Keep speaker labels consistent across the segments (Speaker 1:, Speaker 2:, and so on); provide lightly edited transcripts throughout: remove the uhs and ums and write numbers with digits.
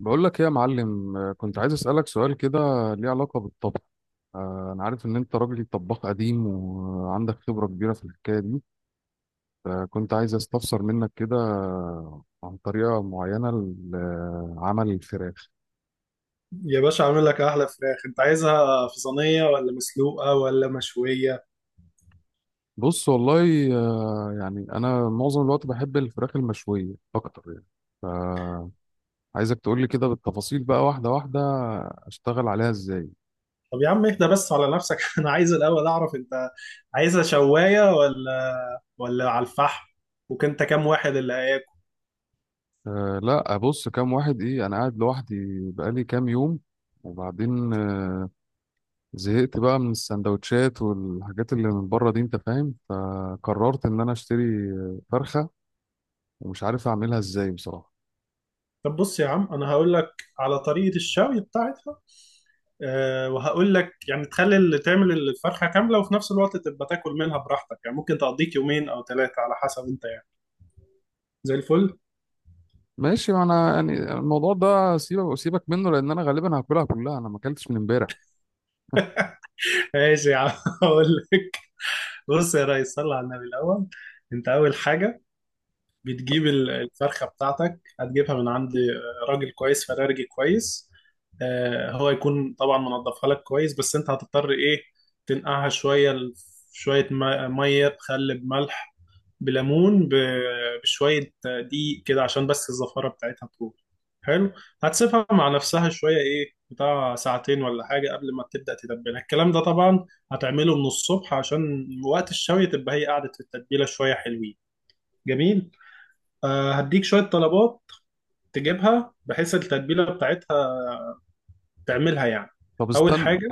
Speaker 1: بقول لك ايه يا معلم، كنت عايز اسالك سؤال كده ليه علاقه بالطبخ. انا عارف ان انت راجل طباخ قديم وعندك خبره كبيره في الحكايه دي، فكنت عايز استفسر منك كده عن طريقه معينه لعمل الفراخ.
Speaker 2: يا باشا عامل لك احلى فراخ، انت عايزها في صينيه ولا مسلوقه ولا مشويه؟
Speaker 1: بص والله، يعني انا معظم الوقت بحب الفراخ المشويه اكتر يعني، فعايزك تقول لي كده بالتفاصيل بقى واحده واحده اشتغل عليها ازاي.
Speaker 2: طب يا عم اهدى بس على نفسك. انا عايز الاول اعرف انت عايزها شوايه ولا على الفحم، وكنت كام واحد اللي هياكل؟
Speaker 1: لا، ابص، كام واحد ايه، انا قاعد لوحدي بقالي كام يوم. وبعدين زهقت بقى من السندوتشات والحاجات اللي من بره دي انت فاهم، فقررت ان انا اشتري فرخة ومش عارف اعملها ازاي بصراحة.
Speaker 2: طب بص يا عم انا هقول لك على طريقه الشوي بتاعتها. أه وهقول لك يعني تخلي اللي تعمل الفرخه كامله، وفي نفس الوقت تبقى تاكل منها براحتك. يعني ممكن تقضيك يومين او ثلاثه على حسب انت، يعني زي الفل.
Speaker 1: ماشي، ما انا يعني الموضوع ده سيبك منه لان انا غالبا هاكلها كلها، انا ما اكلتش من امبارح.
Speaker 2: ماشي يا عم هقول لك. بص يا ريس، صل على النبي الاول. انت اول حاجه بتجيب الفرخة بتاعتك، هتجيبها من عند راجل كويس، فرارجي كويس. هو يكون طبعا منضفها لك كويس، بس انت هتضطر ايه، تنقعها شوية شوية مية بخل بملح بليمون بشوية دقيق كده، عشان بس الزفارة بتاعتها تروح. حلو، هتسيبها مع نفسها شوية، ايه بتاع ساعتين ولا حاجة، قبل ما تبدأ تتبلها. الكلام ده طبعا هتعمله من الصبح، عشان وقت الشوي تبقى هي قعدت في التتبيلة شوية حلوين. جميل، فهديك شوية طلبات تجيبها، بحيث التتبيلة بتاعتها تعملها يعني.
Speaker 1: طب
Speaker 2: أول
Speaker 1: استنى،
Speaker 2: حاجة،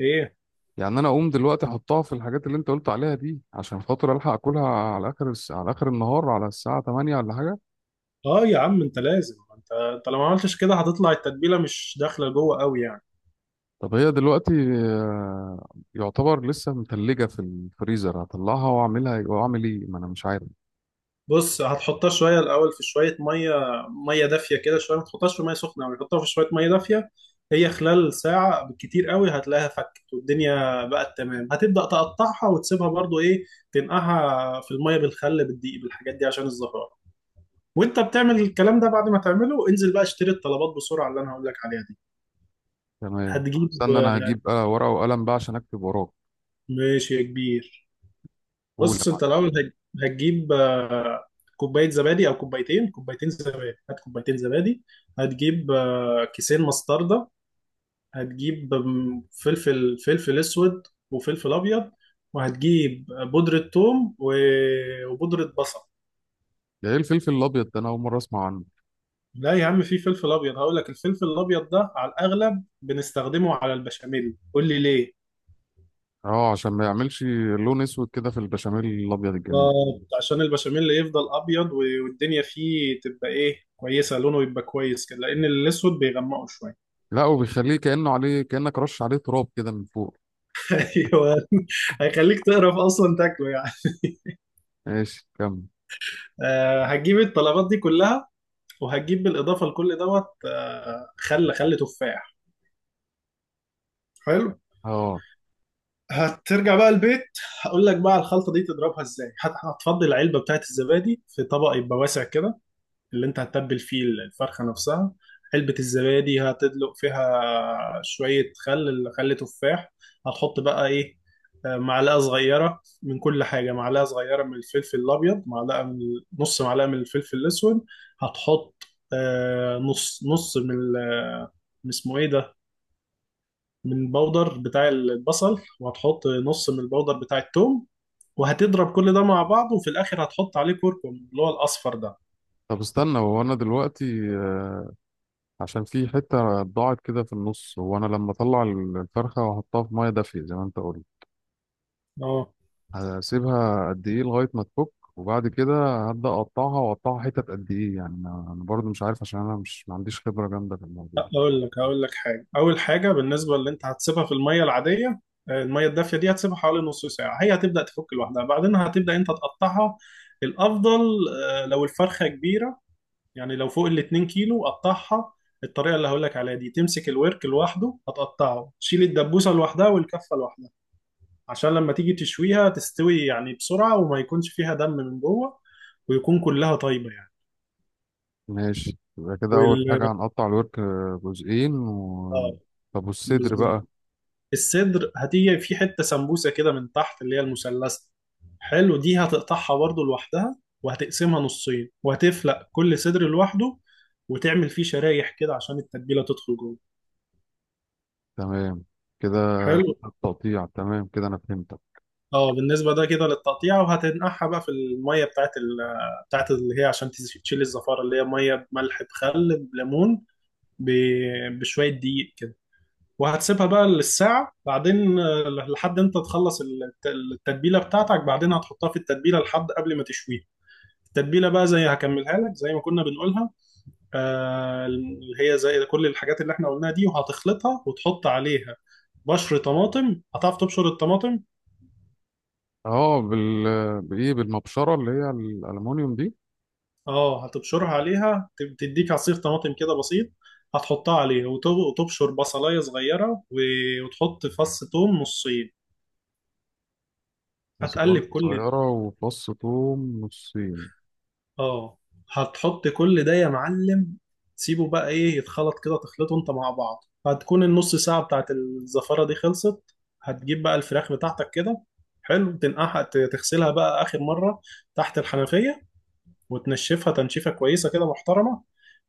Speaker 2: إيه؟
Speaker 1: يعني انا اقوم دلوقتي احطها في الحاجات اللي انت قلت عليها دي عشان خاطر الحق اكلها على اخر على اخر النهار على الساعة 8 ولا حاجة؟
Speaker 2: آه يا عم أنت لازم، أنت لو ما عملتش كده هتطلع التتبيلة مش داخلة جوه أوي يعني.
Speaker 1: طب هي دلوقتي آه، يعتبر لسه متلجة في الفريزر، هطلعها واعملها واعمل ايه؟ ما انا مش عارف.
Speaker 2: بص هتحطها شوية الأول في شوية مية، مية دافية كده شوية، ما تحطهاش في مية سخنة أوي، حطها في شوية مية دافية. هي خلال ساعة بالكتير قوي هتلاقيها فكت، والدنيا بقت تمام، هتبدأ تقطعها وتسيبها برضو إيه، تنقعها في المية بالخل بالدقيق بالحاجات دي عشان الزفرة. وانت بتعمل الكلام ده، بعد ما تعمله انزل بقى اشتري الطلبات بسرعه اللي انا هقول لك عليها دي.
Speaker 1: تمام.
Speaker 2: هتجيب
Speaker 1: استنى انا هجيب ورقه وقلم بقى عشان اكتب وراك.
Speaker 2: ماشي يا كبير.
Speaker 1: قول يا
Speaker 2: بص
Speaker 1: معلم.
Speaker 2: انت الاول هتجيب كوبايه زبادي او كوبايتين، كوبايتين زبادي هات كوبايتين زبادي. هتجيب كيسين مستردة. هتجيب فلفل، فلفل اسود وفلفل ابيض. وهتجيب بودره ثوم وبودره بصل.
Speaker 1: ده ايه الفلفل الابيض ده؟ انا اول مره اسمع عنه.
Speaker 2: لا يا عم، في فلفل ابيض. هقول لك، الفلفل الابيض ده على الاغلب بنستخدمه على البشاميل، قول لي ليه.
Speaker 1: اه، عشان ما يعملش لون اسود كده في البشاميل الابيض الجميل.
Speaker 2: بالظبط، عشان البشاميل يفضل ابيض والدنيا فيه تبقى ايه، كويسه، لونه يبقى كويس كده، لان الاسود بيغمقه شويه.
Speaker 1: لا، وبيخليه كانه عليه، كانك رش عليه تراب كده من فوق.
Speaker 2: ايوه، هيخليك تقرف اصلا تاكله يعني.
Speaker 1: ماشي، كمل.
Speaker 2: آه هتجيب الطلبات دي كلها، وهتجيب بالاضافه لكل دوت خل، خل تفاح. حلو،
Speaker 1: اه.
Speaker 2: هترجع بقى البيت. هقول لك بقى الخلطه دي تضربها ازاي. هتفضي العلبه بتاعت الزبادي في طبق يبقى واسع كده، اللي انت هتتبل فيه الفرخة نفسها. علبة الزبادي هتدلق فيها شوية خل، خل تفاح. هتحط بقى ايه، معلقة صغيرة من كل حاجة، معلقة صغيرة من الفلفل الأبيض، معلقة من نص معلقة من الفلفل الأسود. هتحط نص، نص من من اسمه ايه ده، من البودر بتاع البصل، وهتحط نص من البودر بتاع التوم. وهتضرب كل ده مع بعض، وفي الآخر هتحط عليه كركم، اللي هو الأصفر
Speaker 1: طب استنى، هو انا دلوقتي عشان في حته ضاعت كده في النص، هو انا لما اطلع الفرخه واحطها في ميه دافيه زي ما انت قلت
Speaker 2: ده.
Speaker 1: هسيبها قد ايه لغايه ما تفك؟ وبعد كده هبدا اقطعها واقطعها حتت قد ايه يعني؟ انا برضو مش عارف عشان انا مش ما عنديش خبره جامده في الموضوع.
Speaker 2: اقول لك، هقول لك حاجه. اول حاجه بالنسبه اللي انت هتسيبها في الميه العاديه، الميه الدافيه دي، هتسيبها حوالي نص ساعه، هي هتبدا تفك لوحدها، بعدين هتبدا انت تقطعها. الافضل لو الفرخه كبيره، يعني لو فوق ال 2 كيلو قطعها. الطريقه اللي هقول لك عليها دي، تمسك الورك لوحده هتقطعه، تشيل الدبوسه لوحدها والكفه لوحدها، عشان لما تيجي تشويها تستوي يعني بسرعه، وما يكونش فيها دم من جوه، ويكون كلها طيبه يعني.
Speaker 1: ماشي، يبقى كده اول
Speaker 2: وال
Speaker 1: حاجه هنقطع الورك جزئين
Speaker 2: اه
Speaker 1: طب والصدر بقى؟
Speaker 2: بالظبط. الصدر هتيجي في حتة سمبوسة كده من تحت، اللي هي المثلثة، حلو، دي هتقطعها برضو لوحدها، وهتقسمها نصين، وهتفلق كل صدر لوحده، وتعمل فيه شرايح كده عشان التتبيلة تدخل جوه.
Speaker 1: تمام كده.
Speaker 2: حلو،
Speaker 1: التقطيع تمام كده، انا فهمتك.
Speaker 2: اه بالنسبة ده كده للتقطيع. وهتنقعها بقى في المية بتاعت ال بتاعت اللي هي عشان تشيل الزفارة، اللي هي مية بملح بخل بليمون بشوية دقيق كده. وهتسيبها بقى للساعة، بعدين لحد انت تخلص التتبيلة بتاعتك، بعدين هتحطها في التتبيلة لحد قبل ما تشويها. التتبيلة بقى زي هكملها لك زي ما كنا بنقولها، اللي هي زي كل الحاجات اللي احنا قلناها دي، وهتخلطها وتحط عليها بشر طماطم. هتعرف تبشر الطماطم؟
Speaker 1: اه، بايه، بالمبشره اللي هي الالومنيوم دي؟
Speaker 2: اه هتبشرها عليها، تديك عصير طماطم كده بسيط، هتحطها عليه، وتبشر بصلاية صغيرة وتحط فص توم نصين.
Speaker 1: بصلات
Speaker 2: هتقلب كل،
Speaker 1: صغيره وفص ثوم نصين.
Speaker 2: اه هتحط كل ده يا معلم، سيبه بقى ايه يتخلط كده، تخلطه انت مع بعض. هتكون النص ساعة بتاعت الزفارة دي خلصت، هتجيب بقى الفراخ بتاعتك كده، حلو، تنقعها، تغسلها بقى آخر مرة تحت الحنفية، وتنشفها تنشيفة كويسة كده محترمة،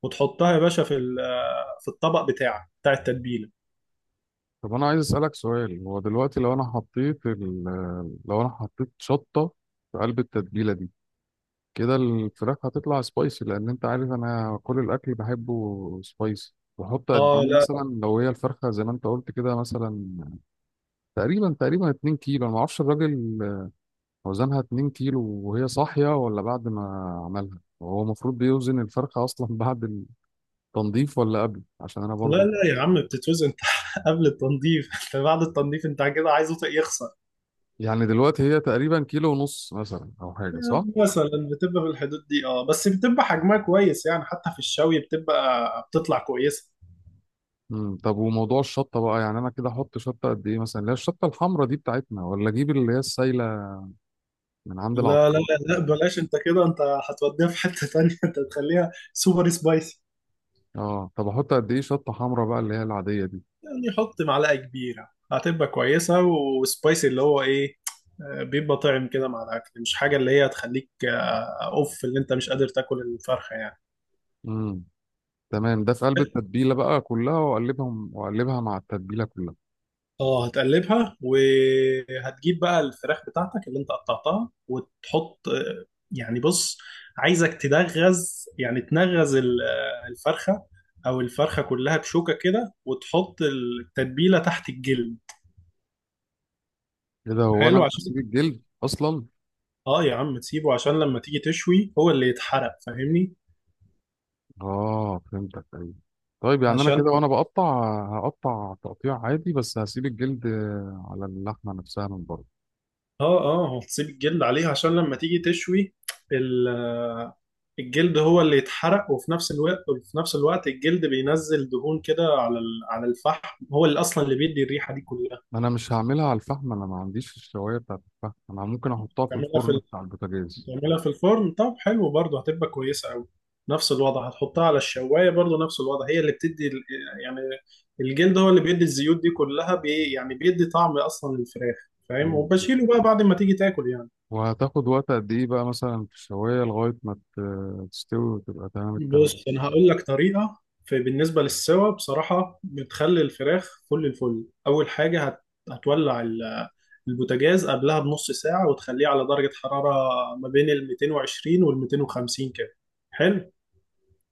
Speaker 2: وتحطها يا باشا في في الطبق بتاعك بتاع التتبيلة.
Speaker 1: طب انا عايز اسالك سؤال، هو دلوقتي لو انا حطيت لو انا حطيت شطه في قلب التتبيله دي كده، الفراخ هتطلع سبايسي لان انت عارف انا كل الاكل بحبه سبايسي. بحط قد
Speaker 2: اه،
Speaker 1: ايه
Speaker 2: لا
Speaker 1: مثلا لو هي الفرخه زي ما انت قلت كده مثلا تقريبا 2 كيلو؟ انا ما اعرفش الراجل وزنها 2 كيلو وهي صاحيه ولا بعد ما عملها؟ هو المفروض بيوزن الفرخه اصلا بعد التنظيف ولا قبل؟ عشان انا
Speaker 2: لا
Speaker 1: برضو
Speaker 2: لا يا عم، بتتوزن انت قبل التنظيف، انت بعد التنظيف انت كده عايزه يخسر.
Speaker 1: يعني دلوقتي هي تقريبا كيلو ونص مثلا او حاجه، صح؟
Speaker 2: مثلا بتبقى في الحدود دي، اه، بس بتبقى حجمها كويس يعني، حتى في الشوي بتبقى بتطلع كويسة.
Speaker 1: طب وموضوع الشطه بقى، يعني انا كده احط شطه قد ايه مثلا اللي هي الشطه الحمراء دي بتاعتنا، ولا اجيب اللي هي السايله من عند
Speaker 2: لا لا
Speaker 1: العطار؟
Speaker 2: لا لا بلاش، انت كده انت هتوديها في حتة تانية. انت تخليها سوبر سبايسي،
Speaker 1: اه. طب احط قد ايه شطه حمراء بقى اللي هي العاديه دي؟
Speaker 2: يعني حط معلقة كبيرة هتبقى كويسة وسبايسي. اللي هو ايه، بيبقى طعم كده مع الاكل، مش حاجة اللي هي تخليك اوف، اللي انت مش قادر تاكل الفرخة يعني.
Speaker 1: امم تمام، ده في قلب التتبيله بقى كلها، واقلبهم واقلبها مع التتبيله كلها.
Speaker 2: اه هتقلبها، وهتجيب بقى الفراخ بتاعتك اللي انت قطعتها، وتحط يعني بص، عايزك تدغز، يعني تنغز الفرخة، او الفرخة كلها بشوكة كده، وتحط التتبيلة تحت الجلد.
Speaker 1: ايه ده؟ هو
Speaker 2: حلو
Speaker 1: انا بسيب
Speaker 2: عشان،
Speaker 1: الجلد اصلا؟
Speaker 2: اه يا عم تسيبه، عشان لما تيجي تشوي هو اللي يتحرق، فاهمني؟
Speaker 1: اه فهمتك، ايوه. طيب يعني انا كده
Speaker 2: عشان
Speaker 1: وانا بقطع هقطع تقطيع عادي بس هسيب الجلد على اللحمه نفسها من بره.
Speaker 2: اه، اه هتسيب الجلد عليها عشان لما تيجي تشوي ال- آه، الجلد هو اللي يتحرق، وفي نفس الوقت، وفي نفس الوقت الجلد بينزل دهون كده على على الفحم، هو اللي اصلا اللي بيدي الريحة دي كلها.
Speaker 1: ما انا مش هعملها على الفحم، انا ما عنديش الشوايه بتاعت الفحم، انا ممكن احطها في
Speaker 2: تعملها في
Speaker 1: الفرن بتاع البوتاجاز.
Speaker 2: تعملها في الفرن، طب حلو برضه هتبقى كويسة قوي. نفس الوضع هتحطها على الشواية، برضه نفس الوضع، هي اللي بتدي يعني الجلد هو اللي بيدي الزيوت دي كلها، يعني بيدي طعم اصلا للفراخ، فاهم،
Speaker 1: و-
Speaker 2: وبشيله بقى بعد ما تيجي تاكل يعني.
Speaker 1: وهتاخد وقت قد ايه بقى مثلا في الشوايه لغايه ما تستوي وتبقى تمام التمام؟
Speaker 2: بص انا هقول لك طريقه، في بالنسبه للسوا بصراحه، بتخلي الفراخ فل الفل. اول حاجه هتولع البوتاجاز قبلها بنص ساعه، وتخليه على درجه حراره ما بين ال 220 وال 250 كده. حلو،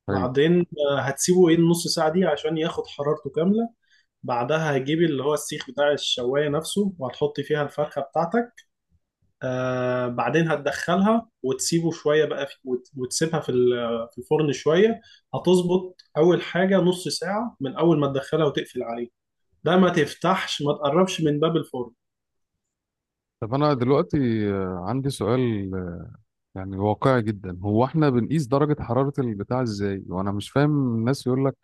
Speaker 1: حلو.
Speaker 2: بعدين هتسيبه ايه النص ساعه دي عشان ياخد حرارته كامله. بعدها هجيب اللي هو السيخ بتاع الشوايه نفسه، وهتحط فيها الفرخه بتاعتك. آه بعدين هتدخلها وتسيبه شوية بقى في، وتسيبها في في الفرن شوية. هتظبط أول حاجة نص ساعة من أول ما تدخلها وتقفل عليه، ده ما تفتحش، ما تقربش من باب الفرن.
Speaker 1: طب انا دلوقتي عندي سؤال يعني واقعي جدا، هو احنا بنقيس درجه حراره البتاع ازاي؟ وانا مش فاهم، الناس يقول لك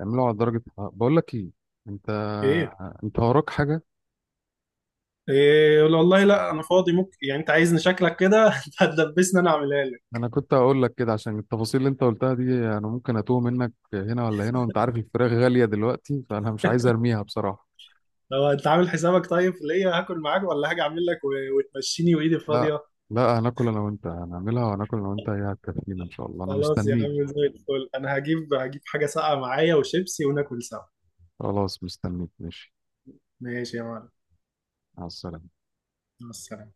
Speaker 1: اعملوا على درجه حرارة، بقول لك ايه انت
Speaker 2: إيه،
Speaker 1: انت وراك حاجه؟
Speaker 2: إيه يقول؟ والله لا أنا فاضي، ممكن يعني، أنت عايزني شكلك كده. أنت هتدبسني أنا أعملها لك.
Speaker 1: انا كنت هقول لك كده عشان التفاصيل اللي انت قلتها دي انا ممكن اتوه منك هنا ولا هنا، وانت عارف الفراخ غالية دلوقتي، فانا مش عايز ارميها بصراحة.
Speaker 2: لو أنت عامل حسابك طيب في ليا هاكل معاك، ولا هاجي أعمل لك وتمشيني وإيدي
Speaker 1: لا.
Speaker 2: فاضية؟
Speaker 1: لا، هناكل انا وانت، هنعملها وهناكل انا وانت، هي هتكفينا ان شاء الله، انا
Speaker 2: خلاص يا
Speaker 1: مستنيك.
Speaker 2: عم زي الفل، أنا هجيب، حاجة ساقعة معايا وشيبسي، وناكل سوا.
Speaker 1: خلاص، مستنيك ماشي.
Speaker 2: ماشي يا معلم،
Speaker 1: مع السلامة.
Speaker 2: مع السلامة.